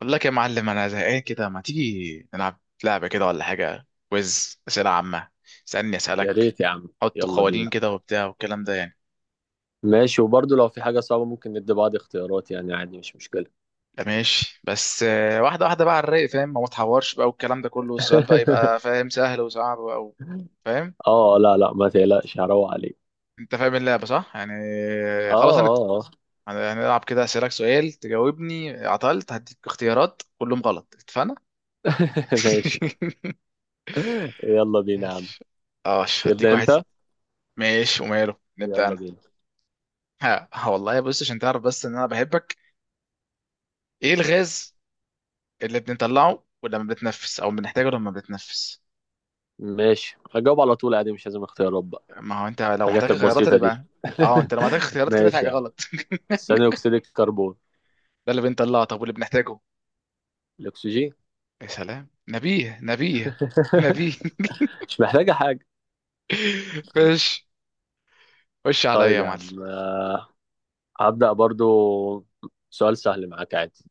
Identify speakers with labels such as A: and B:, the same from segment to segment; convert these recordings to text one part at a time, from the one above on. A: بقول لك يا معلم انا زهقان كده، ما تيجي نلعب لعبه كده ولا حاجه؟ كويز اسئله عامه، اسالني
B: يا
A: اسالك،
B: ريت يا عم.
A: حط
B: يلا
A: قوانين
B: بينا.
A: كده وبتاع والكلام ده يعني.
B: ماشي، وبرضه لو في حاجة صعبة ممكن ندي بعض اختيارات، يعني عادي مش مشكلة.
A: لا ماشي، بس واحده واحده بقى على الرايق فاهم، ما متحورش بقى والكلام ده كله، والسؤال بقى يبقى فاهم سهل وصعب او فاهم.
B: اه، لا لا، ما تقلقش، هروق عليك.
A: انت فاهم اللعبه صح يعني؟
B: اه
A: خلاص
B: اه
A: هنلعب كده، اسالك سؤال تجاوبني، عطلت هديك اختيارات كلهم غلط، اتفقنا.
B: اه. ماشي، يلا بينا
A: يلا.
B: يا عم.
A: اه هديك
B: تبدأ
A: واحد.
B: انت.
A: ماشي وماله، نبدا
B: يلا
A: انا.
B: بينا.
A: ها ها والله، بص عشان تعرف بس ان انا بحبك. ايه الغاز اللي بنطلعه ولما بتنفس او بنحتاجه لما بتنفس؟
B: ماشي، هجاوب على طول عادي، مش لازم اختيارات بقى.
A: ما هو انت لو محتاج
B: الحاجات
A: خيارات
B: البسيطة
A: اللي
B: دي.
A: بقى. اه انت لو محتاج اختيارات كده، في
B: ماشي
A: حاجه
B: يا عم.
A: غلط.
B: ثاني أكسيد الكربون.
A: ده اللي بنطلعه طب واللي بنحتاجه؟
B: الأكسجين.
A: يا سلام، نبيه نبيه نبيه.
B: مش محتاجة حاجة.
A: ماشي، خش عليا
B: طيب
A: يا
B: يا
A: معلم.
B: عم، هبدأ برضو. سؤال سهل معاك عادي.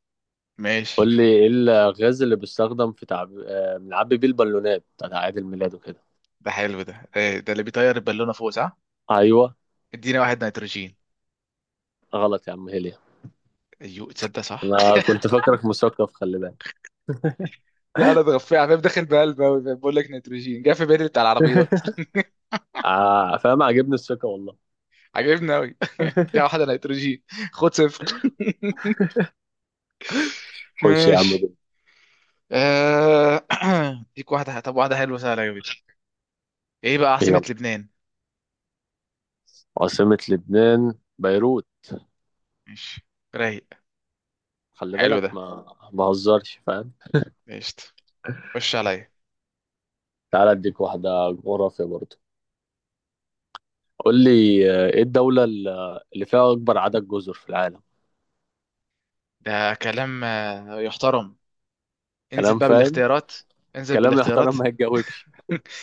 A: ماشي.
B: قول لي، ايه الغاز اللي بيستخدم في تعب... آه، بنعبي بيه البالونات بتاعت اعياد الميلاد وكده؟
A: ده حلو، ده إيه ده اللي بيطير البالونه فوق صح؟
B: ايوه.
A: ادينا واحد، نيتروجين.
B: غلط يا عم، هيليا.
A: ايوه تصدق صح.
B: انا كنت فاكرك مثقف، خلي بالك.
A: لا انا اتغفيت عفيف داخل بقلب أوي، بقول لك نيتروجين جه في بالي بتاع العربيات.
B: فاهم؟ عاجبني الثقه والله.
A: عجبني أوي. دي واحدة نيتروجين. خد صفر.
B: خش يا عم
A: ماشي.
B: دول.
A: آه، اديك واحدة، طب واحدة حلوة سهلة جدا. ايه بقى عاصمة
B: يلا.
A: لبنان؟
B: عاصمة لبنان بيروت.
A: ماشي. رايق.
B: خلي
A: حلو ده.
B: بالك، ما بهزرش، فاهم.
A: ماشي، خش عليا.
B: تعال اديك واحدة جغرافيا برضه. قول لي، ايه الدولة اللي فيها اكبر عدد جزر في العالم؟
A: ده كلام يحترم. انزل
B: كلام
A: بقى
B: فاهم.
A: بالاختيارات. انزل
B: كلام
A: بالاختيارات.
B: يحترم ما يتجاوبش.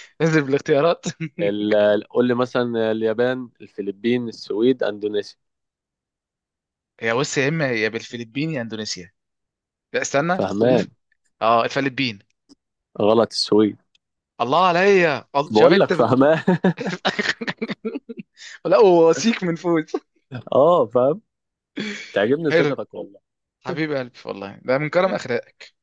A: انزل بالاختيارات.
B: قول لي مثلا، اليابان، الفلبين، السويد، اندونيسيا.
A: يا بص، يا اما يا بالفلبين يا اندونيسيا. لا استنى.
B: فهمان؟ الصين.
A: اه الفلبين.
B: غلط. السويد.
A: الله عليا، شوف
B: بقول
A: انت.
B: لك فهمان.
A: لا وسيك من فوز.
B: اه، فاهم. تعجبني
A: حلو.
B: ثقتك والله.
A: حبيب قلبي والله، ده من كرم اخلاقك.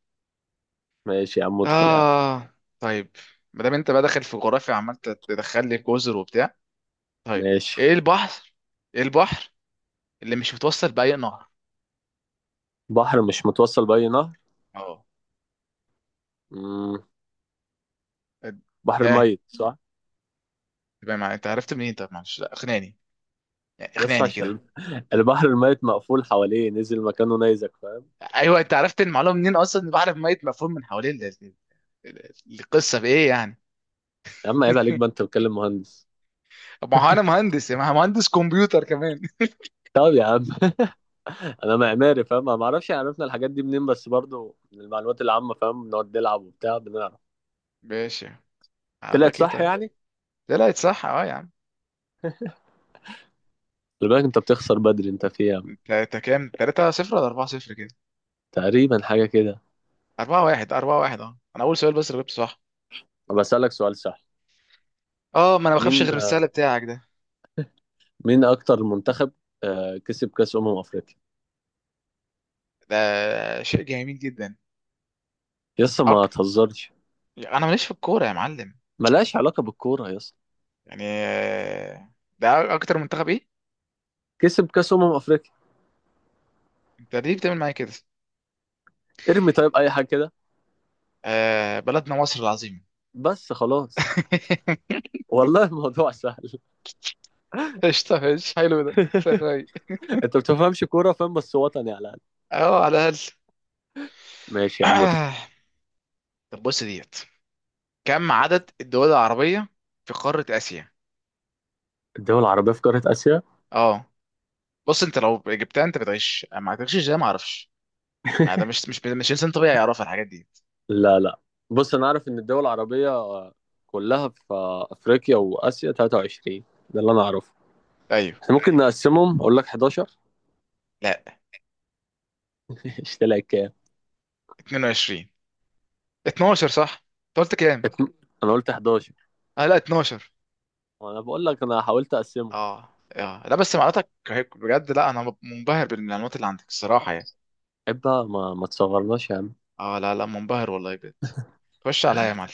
B: ماشي يا عم، ادخل يا عم.
A: اه طيب. ما دام انت بقى داخل في جغرافيا عمال تدخل لي جزر وبتاع، طيب
B: ماشي.
A: ايه البحر، ايه البحر اللي مش متوصل باي نهر؟
B: بحر مش متوصل بأي نهر.
A: اه.
B: مم.
A: اد-
B: بحر
A: ها.
B: الميت، صح؟
A: تبقى مع... انت عرفت منين؟ طب معلش لا، اقنعني يعني،
B: يس،
A: اقنعني
B: عشان
A: كده.
B: البحر الميت مقفول حواليه، نزل مكانه نيزك، فاهم.
A: ايوه انت عرفت المعلومه منين اصلا، إن بعرف ميه مفهوم من حوالين ال- القصه بايه يعني؟
B: يا عم عيب عليك بقى، انت بتكلم مهندس.
A: طب ما هو انا مهندس يا ما، مهندس كمبيوتر كمان.
B: طب يا عم انا معماري، فاهم؟ ما اعرفش عرفنا الحاجات دي منين، بس برضو من المعلومات العامة، فاهم، بنقعد نلعب وبتاع بنعرف.
A: ماشي. هقول
B: طلعت
A: لك ايه
B: صح
A: طيب.
B: يعني؟
A: طلعت صح اه يا عم.
B: خلي بالك انت بتخسر بدري، انت في ايام.
A: انت كام، 3-0 ولا 4-0 كده؟
B: تقريبا حاجه كده.
A: أربعة واحد أربعة واحد، أه أنا أول سؤال بس اللي جبته صح.
B: طب اسالك سؤال سهل.
A: أه ما أنا بخافش
B: مين
A: غير بالسهل بتاعك ده.
B: مين اكتر منتخب كسب كاس افريقيا؟
A: ده شيء جميل جدا.
B: يسا ما
A: أك...
B: تهزرش.
A: أنا ماليش في الكورة يا معلم.
B: ملهاش علاقه بالكوره يسا.
A: يعني ده أكتر منتخب إيه؟
B: كسب كاس افريقيا.
A: أنت ليه بتعمل معايا كده؟
B: ارمي طيب اي حاجه كده.
A: آه بلدنا مصر العظيمة.
B: بس خلاص. والله الموضوع سهل.
A: قشطة ماشي، حلو ده في الرايق.
B: انت ما بتفهمش كوره، فاهم، بس وطني على الاقل.
A: أه على الأقل.
B: ماشي يا عم، ادخل.
A: طب بص ديت، كم عدد الدول العربية في قارة آسيا؟
B: الدول العربيه في قاره اسيا؟
A: أه. بص أنت لو جبتها أنت بتعيش، ما هتعيش إزاي ما أعرفش، ما ده مش إنسان طبيعي يعرف الحاجات دي.
B: لا لا، بص، انا عارف ان الدول العربيه كلها في افريقيا واسيا 23. ده اللي انا اعرفه.
A: ايوه.
B: احنا ممكن نقسمهم، اقول لك 11.
A: لا
B: اشتريها كام؟
A: 22، 12 صح. انت قلت كام؟
B: كانت- انا قلت 11.
A: اه لا 12.
B: وانا بقول لك انا حاولت اقسمه.
A: اه اه لا، بس معلوماتك هيك بجد، لا انا منبهر بالمعلومات اللي عندك الصراحه يعني.
B: عيب بقى، ما تصغرناش يا عم.
A: اه لا لا منبهر والله بجد. خش عليا يا معلم.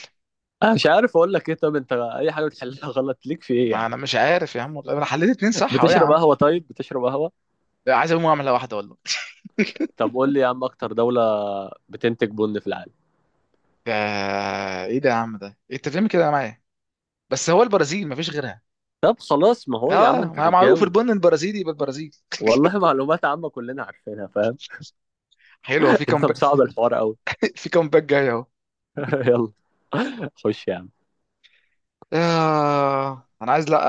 B: انا مش عارف اقول لك ايه، طب انت اي حاجه بتحلها غلط، ليك في ايه يا
A: ما
B: عم؟
A: انا مش عارف يا عم والله، انا حليت اتنين صح اهو يا
B: بتشرب
A: عم.
B: قهوه؟ طيب بتشرب قهوه.
A: لا عايز اقوم اعمل واحده والله.
B: طب قول لي يا عم، اكتر دوله بتنتج بن في العالم؟
A: ده ايه ده يا عم، ده إيه انت بتعمل كده معايا؟ بس هو البرازيل مفيش غيرها.
B: طب خلاص، ما هو يا عم
A: اه،
B: انت
A: ما معروف
B: بتجاوب.
A: البن البرازيلي يبقى البرازيل.
B: والله معلومات عامه كلنا عارفينها، فاهم.
A: حلو في كم.
B: انت مصعب الحوار قوي.
A: في كم باك جاي اهو.
B: يلا، خش يا عم.
A: آه انا عايز، لا.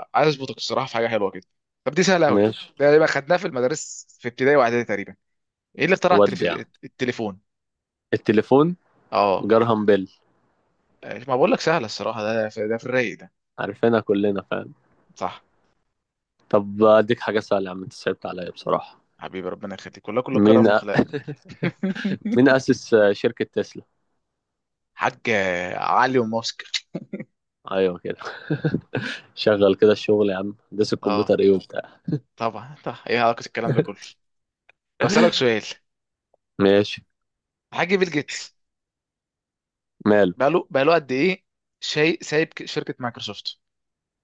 A: عايز اظبطك الصراحه في حاجه حلوه كده. طب دي سهله قوي.
B: ماشي.
A: ده يبقى خدناها في المدارس في ابتدائي واعدادي تقريبا. ايه اللي اخترع
B: ودي يا عم؟
A: التليفون؟
B: التليفون.
A: اه.
B: جرهام بيل.
A: ما بقول لك سهله الصراحه، ده في الرايق ده.
B: عارفينها كلنا، فاهم.
A: صح.
B: طب اديك حاجه سهله، يا عم انت صعبت عليا بصراحه.
A: حبيبي ربنا يخليك، كلها كله
B: مين
A: كرم وخلاق.
B: مين أسس شركة تسلا؟
A: حاج علي وماسك.
B: أيوه كده. شغل كده الشغل يا عم، هندسة
A: اه
B: الكمبيوتر إيه وبتاع.
A: طبعا طبعا، ايه علاقه الكلام ده كله. طب اسالك سؤال.
B: ماشي.
A: الحاج بيل جيتس،
B: ماله؟
A: بقاله قد ايه شيء سايب شركه مايكروسوفت؟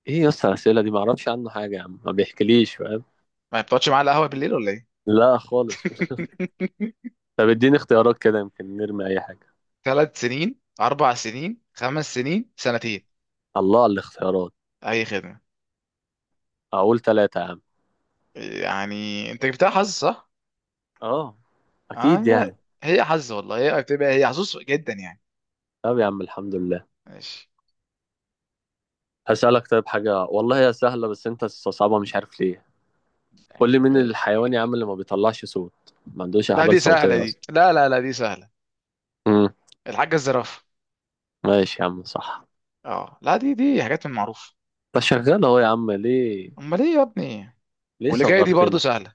B: إيه يا اسطى الأسئلة دي؟ معرفش عنه حاجة يا عم، ما بيحكيليش، فاهم.
A: ما بتقعدش معاه على القهوه بالليل ولا
B: لا خالص.
A: ايه؟
B: طب اديني اختيارات كده يمكن نرمي أي حاجة.
A: ثلاث سنين، اربع سنين، خمس سنين، سنتين.
B: الله على الاختيارات.
A: اي خدمه.
B: أقول ثلاثة يا عم.
A: يعني انت جبتها حظ صح؟
B: أه،
A: اه
B: أكيد يعني.
A: لا، هي حظ والله، هي بتبقى هي حظوظ جدا يعني.
B: طب يا عم الحمد لله.
A: ماشي.
B: هسألك طيب حاجة والله هي سهلة، بس أنت صعبة مش عارف ليه. قول لي،
A: يعني
B: مين
A: ماشي.
B: الحيوان يا عم اللي ما بيطلعش صوت، ما عندوش
A: لا
B: أحبال
A: دي سهله
B: صوتية
A: دي،
B: أصلا؟
A: لا لا لا دي سهله.
B: امم.
A: الحاجه الزرافه.
B: ماشي يا عم، صح.
A: اه لا، دي حاجات من معروف.
B: بس شغال اهو يا عم، ليه؟
A: امال ايه يا ابني؟
B: ليه
A: واللي جايه دي برضو
B: صغرتنا؟
A: سهله.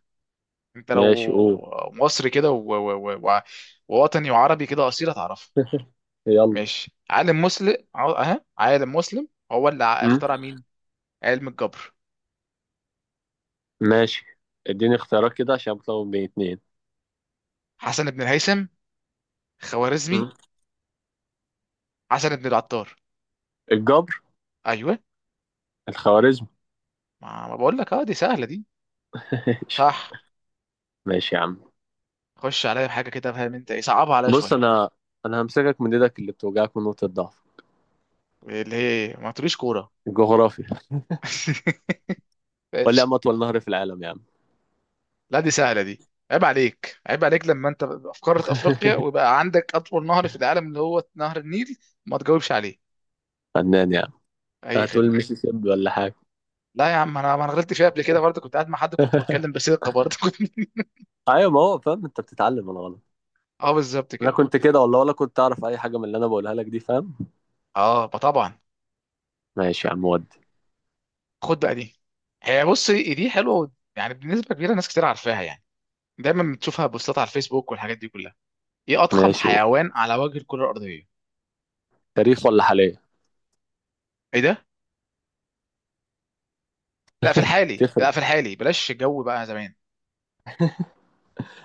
A: انت لو
B: ماشي، قول.
A: مصري كده ووطني وعربي كده اصيل، هتعرفها.
B: يلا.
A: ماشي. عالم مسلم اهو، عالم مسلم هو اللي
B: أمم.
A: اخترع مين علم الجبر؟
B: ماشي. اديني اختيارات كده، عشان بتلخبط بين اتنين.
A: حسن بن الهيثم، خوارزمي،
B: أمم.
A: حسن بن العطار.
B: الجبر.
A: ايوه.
B: الخوارزم.
A: ما بقول لك اه دي سهله دي.
B: ماشي.
A: صح.
B: ماشي يا عم.
A: خش عليا بحاجه كده فاهم، انت ايه صعبها عليا
B: بص،
A: شويه،
B: انا همسكك من ايدك اللي بتوجعك، من نقطة ضعف.
A: اللي هي ما تقوليش كوره.
B: الجغرافيا. ولا يا
A: ماشي.
B: عم اطول نهر في العالم يا عم؟
A: لا دي سهله دي. عيب عليك عيب عليك لما انت في قاره افريقيا، ويبقى عندك اطول نهر في العالم اللي هو نهر النيل، ما تجاوبش عليه.
B: فنان يا عم.
A: اي
B: هتقول
A: خدمه.
B: المسيسيبي ولا حاجة؟
A: لا يا عم، انا ما انا غلطت فيها قبل كده برضه، كنت قاعد مع حد، كنت بتكلم بصيغه برضه. كنت
B: ايوه، ما هو فاهم انت بتتعلم ولا غلط.
A: اه بالظبط
B: انا
A: كده.
B: كنت كده والله، ولا كنت اعرف اي حاجة من اللي انا بقولها لك دي، فاهم.
A: اه طبعا.
B: ماشي يا عم. ودي؟
A: خد بقى دي. هي بص دي حلوه يعني، بنسبه كبيره ناس كتير عارفاها يعني، دايما بتشوفها بوستات على الفيسبوك والحاجات دي كلها. ايه اضخم
B: ماشي، قول.
A: حيوان على وجه الكره الارضيه؟
B: تاريخ ولا حالية؟
A: ايه ده؟ لا في الحالي،
B: تفرق.
A: لا في الحالي بلاش الجو بقى زمان.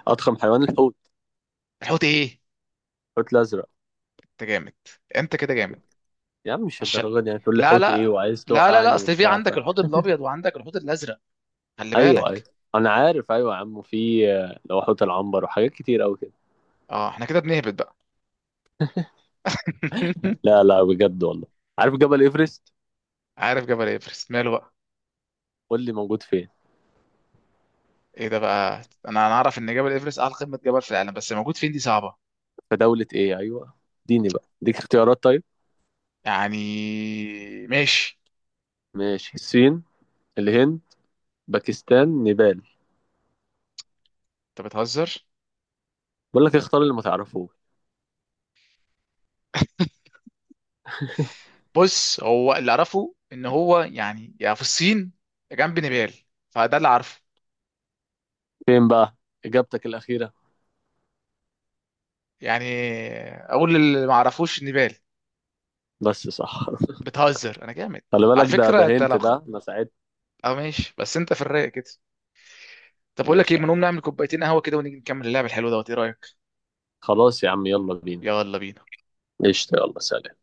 B: اضخم حيوان الحوت.
A: الحوت ايه؟
B: الحوت الازرق.
A: انت جامد، انت كده جامد.
B: يا عم مش
A: عشان،
B: الدرجه دي يعني، تقول لي
A: لا
B: حوت ايه
A: لا
B: وعايز
A: لا لا لا
B: توقعني
A: اصل في
B: وبتاع
A: عندك الحوت الابيض وعندك الحوت الازرق، خلي
B: ايوه ايوه،
A: بالك.
B: انا عارف، ايوه يا عم، وفي لو حوت العنبر وحاجات كتير قوي كده.
A: اه احنا كده بنهبط بقى.
B: لا لا، بجد والله. عارف جبل ايفرست؟
A: عارف جبل ايفرست ماله بقى.
B: قول لي، موجود فين؟
A: ايه ده بقى؟ انا اعرف ان جبل ايفرست اعلى قمه جبل في العالم، بس موجود فين دي صعبه.
B: في دولة ايه، ايوه. اديني بقى، اديك اختيارات طيب.
A: يعني ماشي.
B: ماشي. الصين، الهند، باكستان، نيبال.
A: انت بتهزر.
B: بقول لك اختار اللي ما تعرفوه.
A: بص هو اللي اعرفه ان هو يعني يا في الصين يا جنب نيبال، فده اللي اعرفه.
B: فين بقى؟ اجابتك الاخيرة.
A: يعني اقول اللي ما اعرفوش نيبال.
B: بس صح.
A: بتهزر، انا جامد.
B: خلي
A: على
B: بالك، ده
A: فكره
B: هنت ده، انا ساعدت.
A: اه ماشي، بس انت في الرايق كده. طب اقول لك ايه،
B: ماشي يا
A: ما
B: عم.
A: نقوم نعمل كوبايتين قهوه كده ونيجي نكمل اللعب الحلو دوت، ايه رايك؟
B: خلاص يا عم، يلا بينا.
A: يلا بينا.
B: قشطة، يلا، سلام.